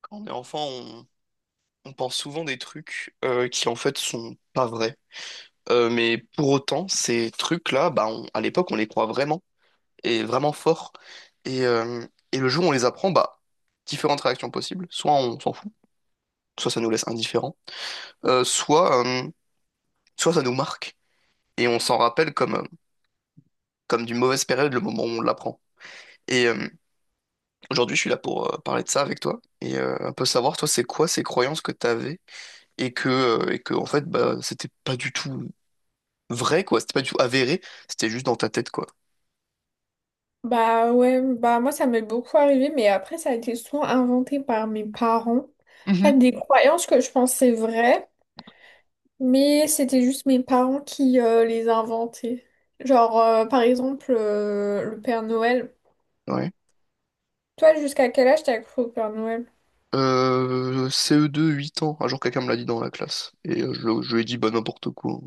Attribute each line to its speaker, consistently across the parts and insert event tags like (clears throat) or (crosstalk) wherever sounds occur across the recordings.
Speaker 1: Quand on est enfant, on pense souvent des trucs qui en fait sont pas vrais. Mais pour autant, ces trucs-là, bah, on- à l'époque, on les croit vraiment et vraiment fort. Et, euh, et le jour où on les apprend, bah, différentes réactions possibles. Soit on s'en fout, soit ça nous laisse indifférents, euh, soit, euh, soit ça nous marque et on s'en rappelle comme d'une mauvaise période le moment où on l'apprend. Et euh, Aujourd'hui, je suis là pour parler de ça avec toi et un peu savoir, toi, c'est quoi ces croyances que tu avais et que en fait, bah, c'était pas du tout vrai, quoi. C'était pas du tout avéré, c'était juste dans ta tête, quoi.
Speaker 2: Bah ouais, bah moi ça m'est beaucoup arrivé, mais après ça a été souvent inventé par mes parents. En fait,
Speaker 1: Mhm.
Speaker 2: des croyances que je pensais vraies, mais c'était juste mes parents qui les inventaient. Genre, par exemple, le Père Noël.
Speaker 1: Ouais.
Speaker 2: Toi, jusqu'à quel âge t'as cru au Père Noël?
Speaker 1: CE2 8 ans. Un jour, quelqu'un me l'a dit dans la classe. Je lui ai dit, bah, n'importe quoi.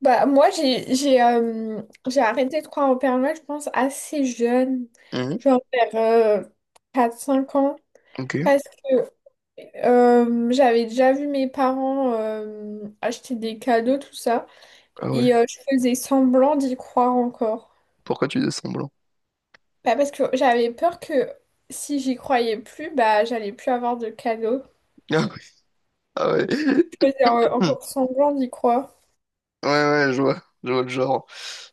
Speaker 2: Bah moi j'ai arrêté de croire au Père Noël, je pense, assez jeune.
Speaker 1: Mhm.
Speaker 2: Genre vers 4-5 ans.
Speaker 1: Ok.
Speaker 2: Parce que j'avais déjà vu mes parents acheter des cadeaux, tout ça,
Speaker 1: Ah ouais.
Speaker 2: et je faisais semblant d'y croire encore.
Speaker 1: Pourquoi tu fais semblant? (laughs)
Speaker 2: Bah, parce que j'avais peur que si j'y croyais plus, bah j'allais plus avoir de cadeaux.
Speaker 1: Ah ouais. Ah ouais. (laughs)
Speaker 2: Je faisais
Speaker 1: Hmm.
Speaker 2: encore semblant d'y croire.
Speaker 1: Ouais, ouais, je vois. Je vois le genre.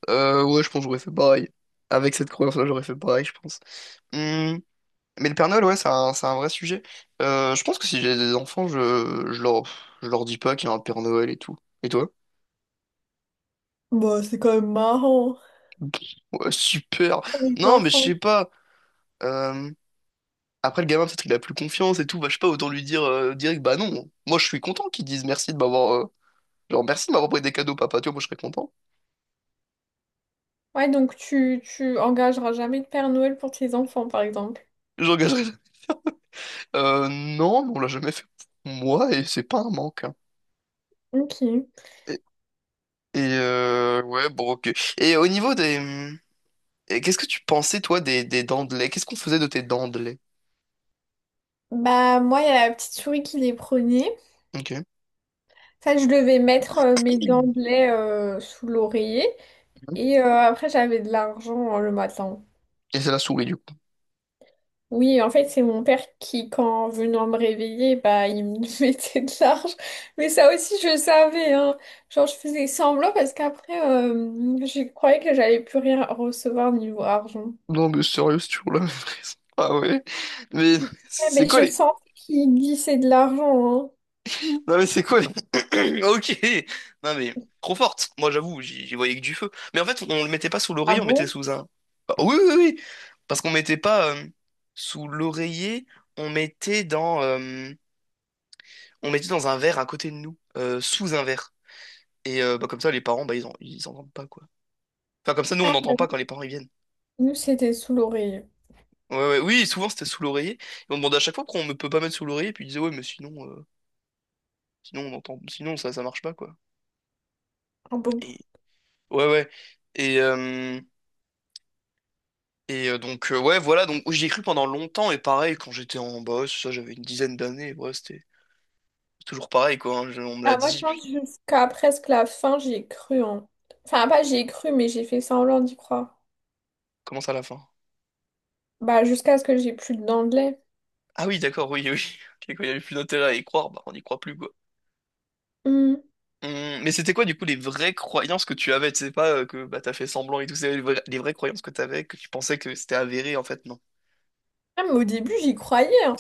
Speaker 1: Ouais, je pense que j'aurais fait pareil. Avec cette croyance-là, j'aurais fait pareil, je pense. Hmm. Mais le Père Noël, ouais, c'est un vrai sujet. Je pense que si j'ai des enfants, je leur dis pas qu'il y a un Père Noël et tout. Et toi?
Speaker 2: Bah, c'est quand même marrant.
Speaker 1: Ouais, super.
Speaker 2: Pour les
Speaker 1: Non, mais je
Speaker 2: enfants.
Speaker 1: sais pas. euh, Après, le gamin, peut-être il a plus confiance et tout. Bah, je sais pas, autant lui dire direct, bah non. Moi, je suis content qu'ils disent merci de m'avoir, genre, merci de m'avoir pris des cadeaux, papa. Tu vois, moi, je serais content.
Speaker 2: Ouais, donc tu engageras jamais de Père Noël pour tes enfants, par exemple.
Speaker 1: J'engagerais. (laughs) Non, mais on l'a jamais fait pour moi et c'est pas un manque, hein.
Speaker 2: Ok.
Speaker 1: Et, ouais, bon, ok. Et au niveau des... et qu'est-ce que tu pensais, toi, des dents de lait? Qu'est-ce qu'on faisait de tes dents de lait?
Speaker 2: Bah, moi, il y a la petite souris qui les prenait.
Speaker 1: Ok.
Speaker 2: Ça, je devais mettre mes dents de lait sous l'oreiller. Et après, j'avais de l'argent le matin.
Speaker 1: Et c'est la souris, du coup.
Speaker 2: Oui, en fait, c'est mon père qui, quand venant me réveiller, bah, il me (laughs) mettait de l'argent. Mais ça aussi, je savais, hein. Genre, je faisais semblant parce qu'après, je croyais que j'allais plus rien recevoir niveau argent.
Speaker 1: Non, mais sérieux, c'est toujours la même raison. (laughs) Ah ouais? Mais
Speaker 2: Ouais,
Speaker 1: c'est
Speaker 2: mais
Speaker 1: quoi
Speaker 2: je
Speaker 1: les... (laughs)
Speaker 2: sentais qu'il glissait de l'argent, hein.
Speaker 1: Non, mais c'est quoi les... (coughs) Ok! Non, mais trop forte. Moi, j'avoue, j'y voyais que du feu. Mais en fait, on le mettait pas sous
Speaker 2: Ah
Speaker 1: l'oreiller, on mettait
Speaker 2: bon?
Speaker 1: sous un... Ah, oui, oui, oui! Parce qu'on mettait pas sous l'oreiller, on mettait dans... euh, on mettait dans un verre à côté de nous, sous un verre. Bah, comme ça, les parents, bah, ils entendent pas, quoi. Enfin, comme ça, nous, on
Speaker 2: Ah,
Speaker 1: n'entend pas quand les parents, ils viennent.
Speaker 2: nous, c'était sous l'oreille.
Speaker 1: Ouais, ouais, oui, souvent, c'était sous l'oreiller. Et on demandait à chaque fois pourquoi on ne peut pas mettre sous l'oreiller. Puis ils disaient, ouais, mais sinon... sinon, on entend, sinon ça marche pas, quoi.
Speaker 2: Ah bon. Bon.
Speaker 1: Et ouais, ouais. Et, euh, ouais, voilà. Donc, j'y ai cru pendant longtemps. Et pareil, quand j'étais en boss, ça, j'avais une dizaine d'années. Ouais, c'était toujours pareil, quoi, hein. On me l'a
Speaker 2: Ah, moi, je
Speaker 1: dit, puis
Speaker 2: pense jusqu'à presque la fin, j'ai cru, hein. Enfin, pas j'ai cru, mais j'ai fait semblant d'y croire.
Speaker 1: commence à la fin.
Speaker 2: Bah, jusqu'à ce que j'ai plus de dents de lait.
Speaker 1: Ah oui, d'accord, oui, oui. (laughs) Ok, quand il n'y avait plus d'intérêt à y croire, bah, on n'y croit plus, quoi.
Speaker 2: Hmm.
Speaker 1: Mais c'était quoi, du coup, les vraies croyances que tu avais? Tu sais pas que bah, t'as fait semblant et tout, c'est les, les vraies croyances que t'avais, que tu pensais que c'était avéré, en fait, non.
Speaker 2: Ah, mais au début, j'y croyais, hein.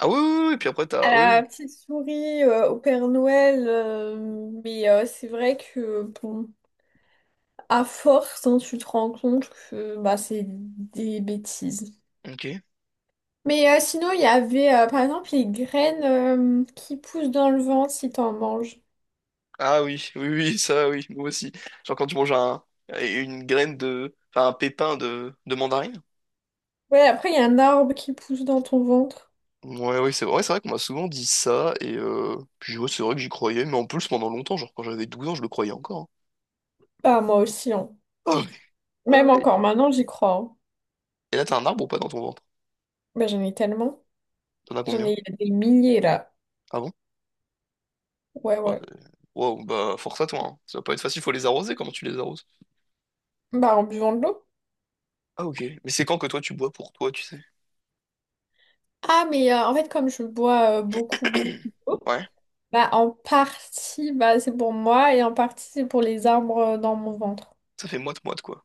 Speaker 1: Ah oui, oui, oui, oui, puis après,
Speaker 2: À
Speaker 1: t'as. Oui,
Speaker 2: la
Speaker 1: oui.
Speaker 2: petite souris, au Père Noël, mais c'est vrai que, bon, à force, hein, tu te rends compte que bah, c'est des bêtises.
Speaker 1: Ok.
Speaker 2: Mais sinon, il y avait, par exemple, les graines qui poussent dans le ventre si t'en manges.
Speaker 1: Ah oui, (laughs) oui, oui, ça, oui, moi aussi. Genre quand tu manges un, une graine de, enfin un pépin de mandarine.
Speaker 2: Ouais, après, il y a un arbre qui pousse dans ton ventre.
Speaker 1: Ouais, oui, c'est vrai qu'on m'a souvent dit ça, puis ouais, c'est vrai que j'y croyais, mais en plus pendant longtemps, genre quand j'avais 12 ans, je le croyais encore, hein.
Speaker 2: Bah, moi aussi, hein.
Speaker 1: Ah ouais, ah
Speaker 2: Même
Speaker 1: ouais.
Speaker 2: encore maintenant, j'y crois, hein.
Speaker 1: Et là, t'as un arbre ou pas dans ton ventre?
Speaker 2: Bah, j'en ai tellement.
Speaker 1: T'en as
Speaker 2: J'en
Speaker 1: combien?
Speaker 2: ai des milliers, là.
Speaker 1: Ah bon?
Speaker 2: Ouais,
Speaker 1: Ouais,
Speaker 2: ouais.
Speaker 1: euh, Wow, bah force à toi, hein. Ça va pas être facile, faut les arroser, comment tu les arroses?
Speaker 2: Bah, en buvant de l'eau.
Speaker 1: Ah ok, mais c'est quand que toi tu bois pour toi, tu sais?
Speaker 2: Ah, mais en fait, comme je bois beaucoup, beaucoup
Speaker 1: (coughs) (clears throat)
Speaker 2: d'eau,
Speaker 1: Ouais,
Speaker 2: bah, en partie, bah, c'est pour moi et en partie, c'est pour les arbres dans mon ventre.
Speaker 1: ça fait moite-moite, quoi.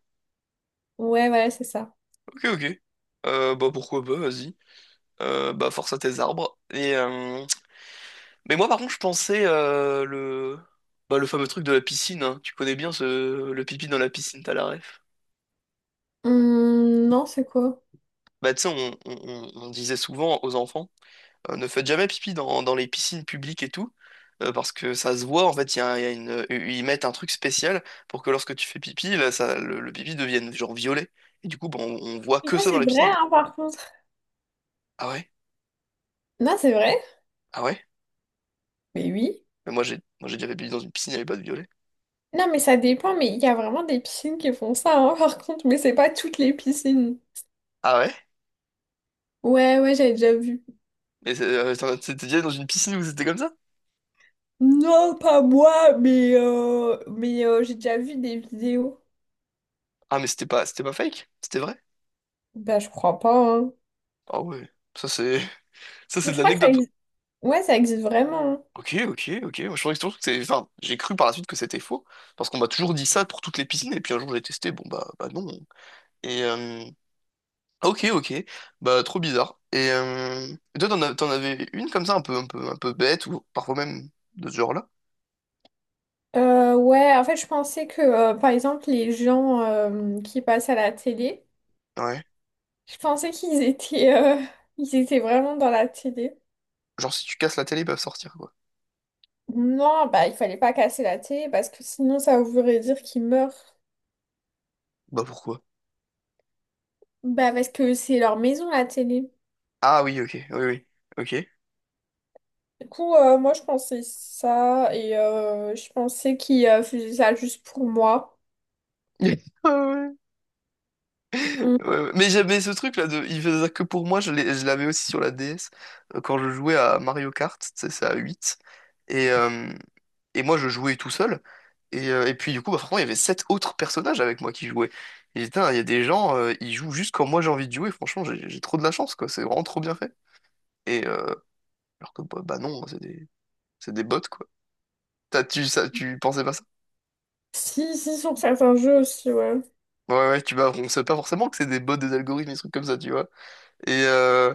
Speaker 2: Ouais, voilà c'est ça.
Speaker 1: Ok, ok. Bah pourquoi pas, vas-y. Bah force à tes arbres. Mais moi par contre je pensais le... Bah, le fameux truc de la piscine, hein. Tu connais bien ce... le pipi dans la piscine, t'as la ref.
Speaker 2: Non, c'est quoi?
Speaker 1: Bah tu sais, on disait souvent aux enfants, ne faites jamais pipi dans, dans les piscines publiques et tout, parce que ça se voit, en fait, il y a une... ils mettent un truc spécial pour que lorsque tu fais pipi, là, ça, le pipi devienne genre violet. Et du coup, bah, on voit
Speaker 2: Mais
Speaker 1: que
Speaker 2: ça,
Speaker 1: ça dans
Speaker 2: c'est
Speaker 1: les
Speaker 2: vrai,
Speaker 1: piscines.
Speaker 2: hein, par contre.
Speaker 1: Ah ouais?
Speaker 2: Non, c'est vrai?
Speaker 1: Ah ouais?
Speaker 2: Mais oui.
Speaker 1: Mais moi j'ai déjà fait pipi dans une piscine, il n'y avait pas de violet.
Speaker 2: Non, mais ça dépend, mais il y a vraiment des piscines qui font ça, hein, (laughs) par contre, mais c'est pas toutes les piscines.
Speaker 1: Ah ouais?
Speaker 2: Ouais, ouais, j'avais déjà vu.
Speaker 1: Mais c'est- t'es déjà dans une piscine où c'était comme ça?
Speaker 2: Non, pas moi, mais, j'ai déjà vu des vidéos.
Speaker 1: Ah, mais c'était pas fake? C'était vrai?
Speaker 2: Bah, je crois pas, hein.
Speaker 1: Ah ouais. Ça, c'est, (laughs) ça,
Speaker 2: Mais
Speaker 1: c'est de
Speaker 2: je crois que ça
Speaker 1: l'anecdote.
Speaker 2: existe. Ouais, ça existe vraiment, hein.
Speaker 1: Ok, ok, ok. Moi, je pensais toujours que c'est, enfin, j'ai cru par la suite que c'était faux. Parce qu'on m'a toujours dit ça pour toutes les piscines. Et puis un jour, j'ai testé. Bon, bah, bah non. Et, euh, ok, ok. Bah, trop bizarre. Et toi, t'en avais une comme ça, un peu, un peu, un peu bête, ou parfois même de ce genre-là?
Speaker 2: Ouais, en fait, je pensais que, par exemple, les gens qui passent à la télé,
Speaker 1: Ouais.
Speaker 2: je pensais qu'ils étaient, (laughs) ils étaient vraiment dans la télé.
Speaker 1: Genre, si tu casses la télé, ils peuvent sortir, quoi.
Speaker 2: Non, bah, il fallait pas casser la télé parce que sinon, ça voudrait dire qu'ils meurent.
Speaker 1: Bah, pourquoi?
Speaker 2: Bah, parce que c'est leur maison, la télé.
Speaker 1: Ah oui, ok. Oui, oui. Ok.
Speaker 2: Du coup, moi, je pensais ça et je pensais qu'ils faisaient ça juste pour moi.
Speaker 1: (laughs) Ah ouais. Ouais,
Speaker 2: Mm.
Speaker 1: ouais. Mais j'avais ce truc là de il faisait ça que pour moi, je l'avais aussi sur la DS quand je jouais à Mario Kart, tu sais, c'est à 8 et euh, et moi je jouais tout seul et puis du coup bah franchement, il y avait sept autres personnages avec moi qui jouaient. Et putain, il y a des gens ils jouent juste quand moi j'ai envie de jouer, franchement, j'ai trop de la chance quoi, c'est vraiment trop bien fait. Et euh, alors que bah, bah non, c'est des bots quoi. T'as tu ça tu pensais pas ça?
Speaker 2: Si, si, sur certains jeux aussi, ouais.
Speaker 1: Ouais ouais, tu bah on sait pas forcément que c'est des bots des algorithmes des trucs comme ça, tu vois. Et euh,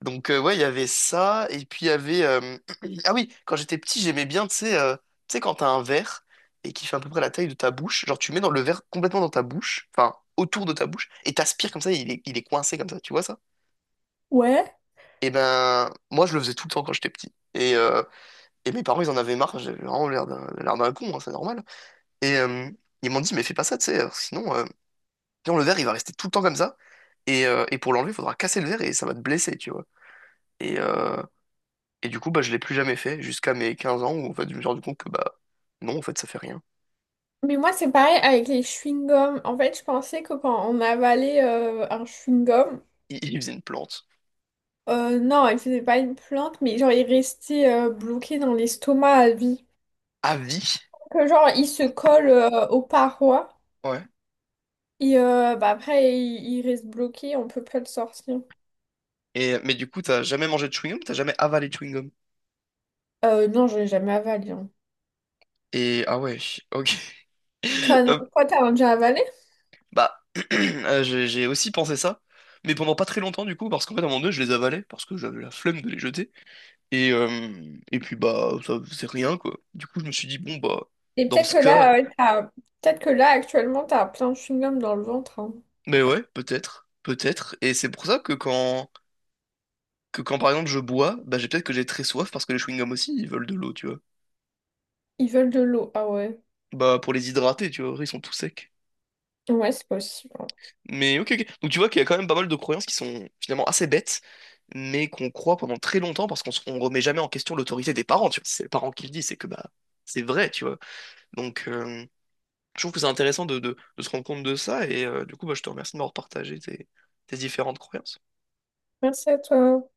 Speaker 1: Ouais, il y avait ça, et puis il y avait... (clears throat) Ah oui, quand j'étais petit, j'aimais bien, tu sais, quand t'as un verre et qui fait à peu près la taille de ta bouche, genre tu mets dans le verre complètement dans ta bouche, enfin autour de ta bouche, et t'aspires comme ça, il est coincé comme ça, tu vois ça?
Speaker 2: Ouais.
Speaker 1: Et ben, moi je le faisais tout le temps quand j'étais petit. Et mes parents, ils en avaient marre, j'avais vraiment l'air d'un con, hein, c'est normal. Et euh, Ils m'ont dit, mais fais pas ça, tu sais, sinon le verre, il va rester tout le temps comme ça, et pour l'enlever, il faudra casser le verre et ça va te blesser, tu vois. Et, euh, Et du coup, bah, je l'ai plus jamais fait jusqu'à mes 15 ans où en fait, je me suis rendu compte que bah non, en fait, ça fait rien.
Speaker 2: Mais moi, c'est pareil avec les chewing-gums. En fait, je pensais que quand on avalait un chewing-gum,
Speaker 1: Il faisait une plante.
Speaker 2: non, il faisait pas une plante, mais genre, il restait bloqué dans l'estomac à vie.
Speaker 1: À vie?
Speaker 2: Que genre, il se colle aux parois
Speaker 1: Ouais.
Speaker 2: et bah, après, il reste bloqué, on peut pas le sortir.
Speaker 1: Et, mais du coup, t'as jamais mangé de chewing-gum, t'as jamais avalé de chewing-gum.
Speaker 2: Non, je l'ai jamais avalé, hein.
Speaker 1: Et ah ouais, ok.
Speaker 2: Toi,
Speaker 1: (laughs)
Speaker 2: non,
Speaker 1: Euh,
Speaker 2: toi, t'as déjà avalé?
Speaker 1: bah, (clears throat) j'ai aussi pensé ça, mais pendant pas très longtemps du coup, parce qu'en fait, à un moment donné, je les avalais, parce que j'avais la flemme de les jeter. Et, euh, et puis, bah, ça faisait rien, quoi. Du coup, je me suis dit, bon, bah,
Speaker 2: Et
Speaker 1: dans
Speaker 2: peut-être
Speaker 1: ce
Speaker 2: que
Speaker 1: cas,
Speaker 2: là, peut-être que là, actuellement, t'as plein de chewing-gum dans le ventre, hein.
Speaker 1: mais ouais, peut-être, peut-être. Et c'est pour ça que quand. Que quand par exemple je bois, bah j'ai peut-être que j'ai très soif parce que les chewing-gums aussi ils veulent de l'eau, tu vois.
Speaker 2: Ils veulent de l'eau. Ah ouais.
Speaker 1: Bah pour les hydrater, tu vois, ils sont tout secs.
Speaker 2: Ouais, c'est possible, hein.
Speaker 1: Mais ok, ok. Donc tu vois qu'il y a quand même pas mal de croyances qui sont finalement assez bêtes, mais qu'on croit pendant très longtemps parce qu'on on remet jamais en question l'autorité des parents, tu vois. Si c'est les parents qui le disent, c'est que bah c'est vrai, tu vois. Donc euh, je trouve que c'est intéressant de se rendre compte de ça du coup bah, je te remercie de m'avoir partagé tes, tes différentes croyances.
Speaker 2: Merci à toi.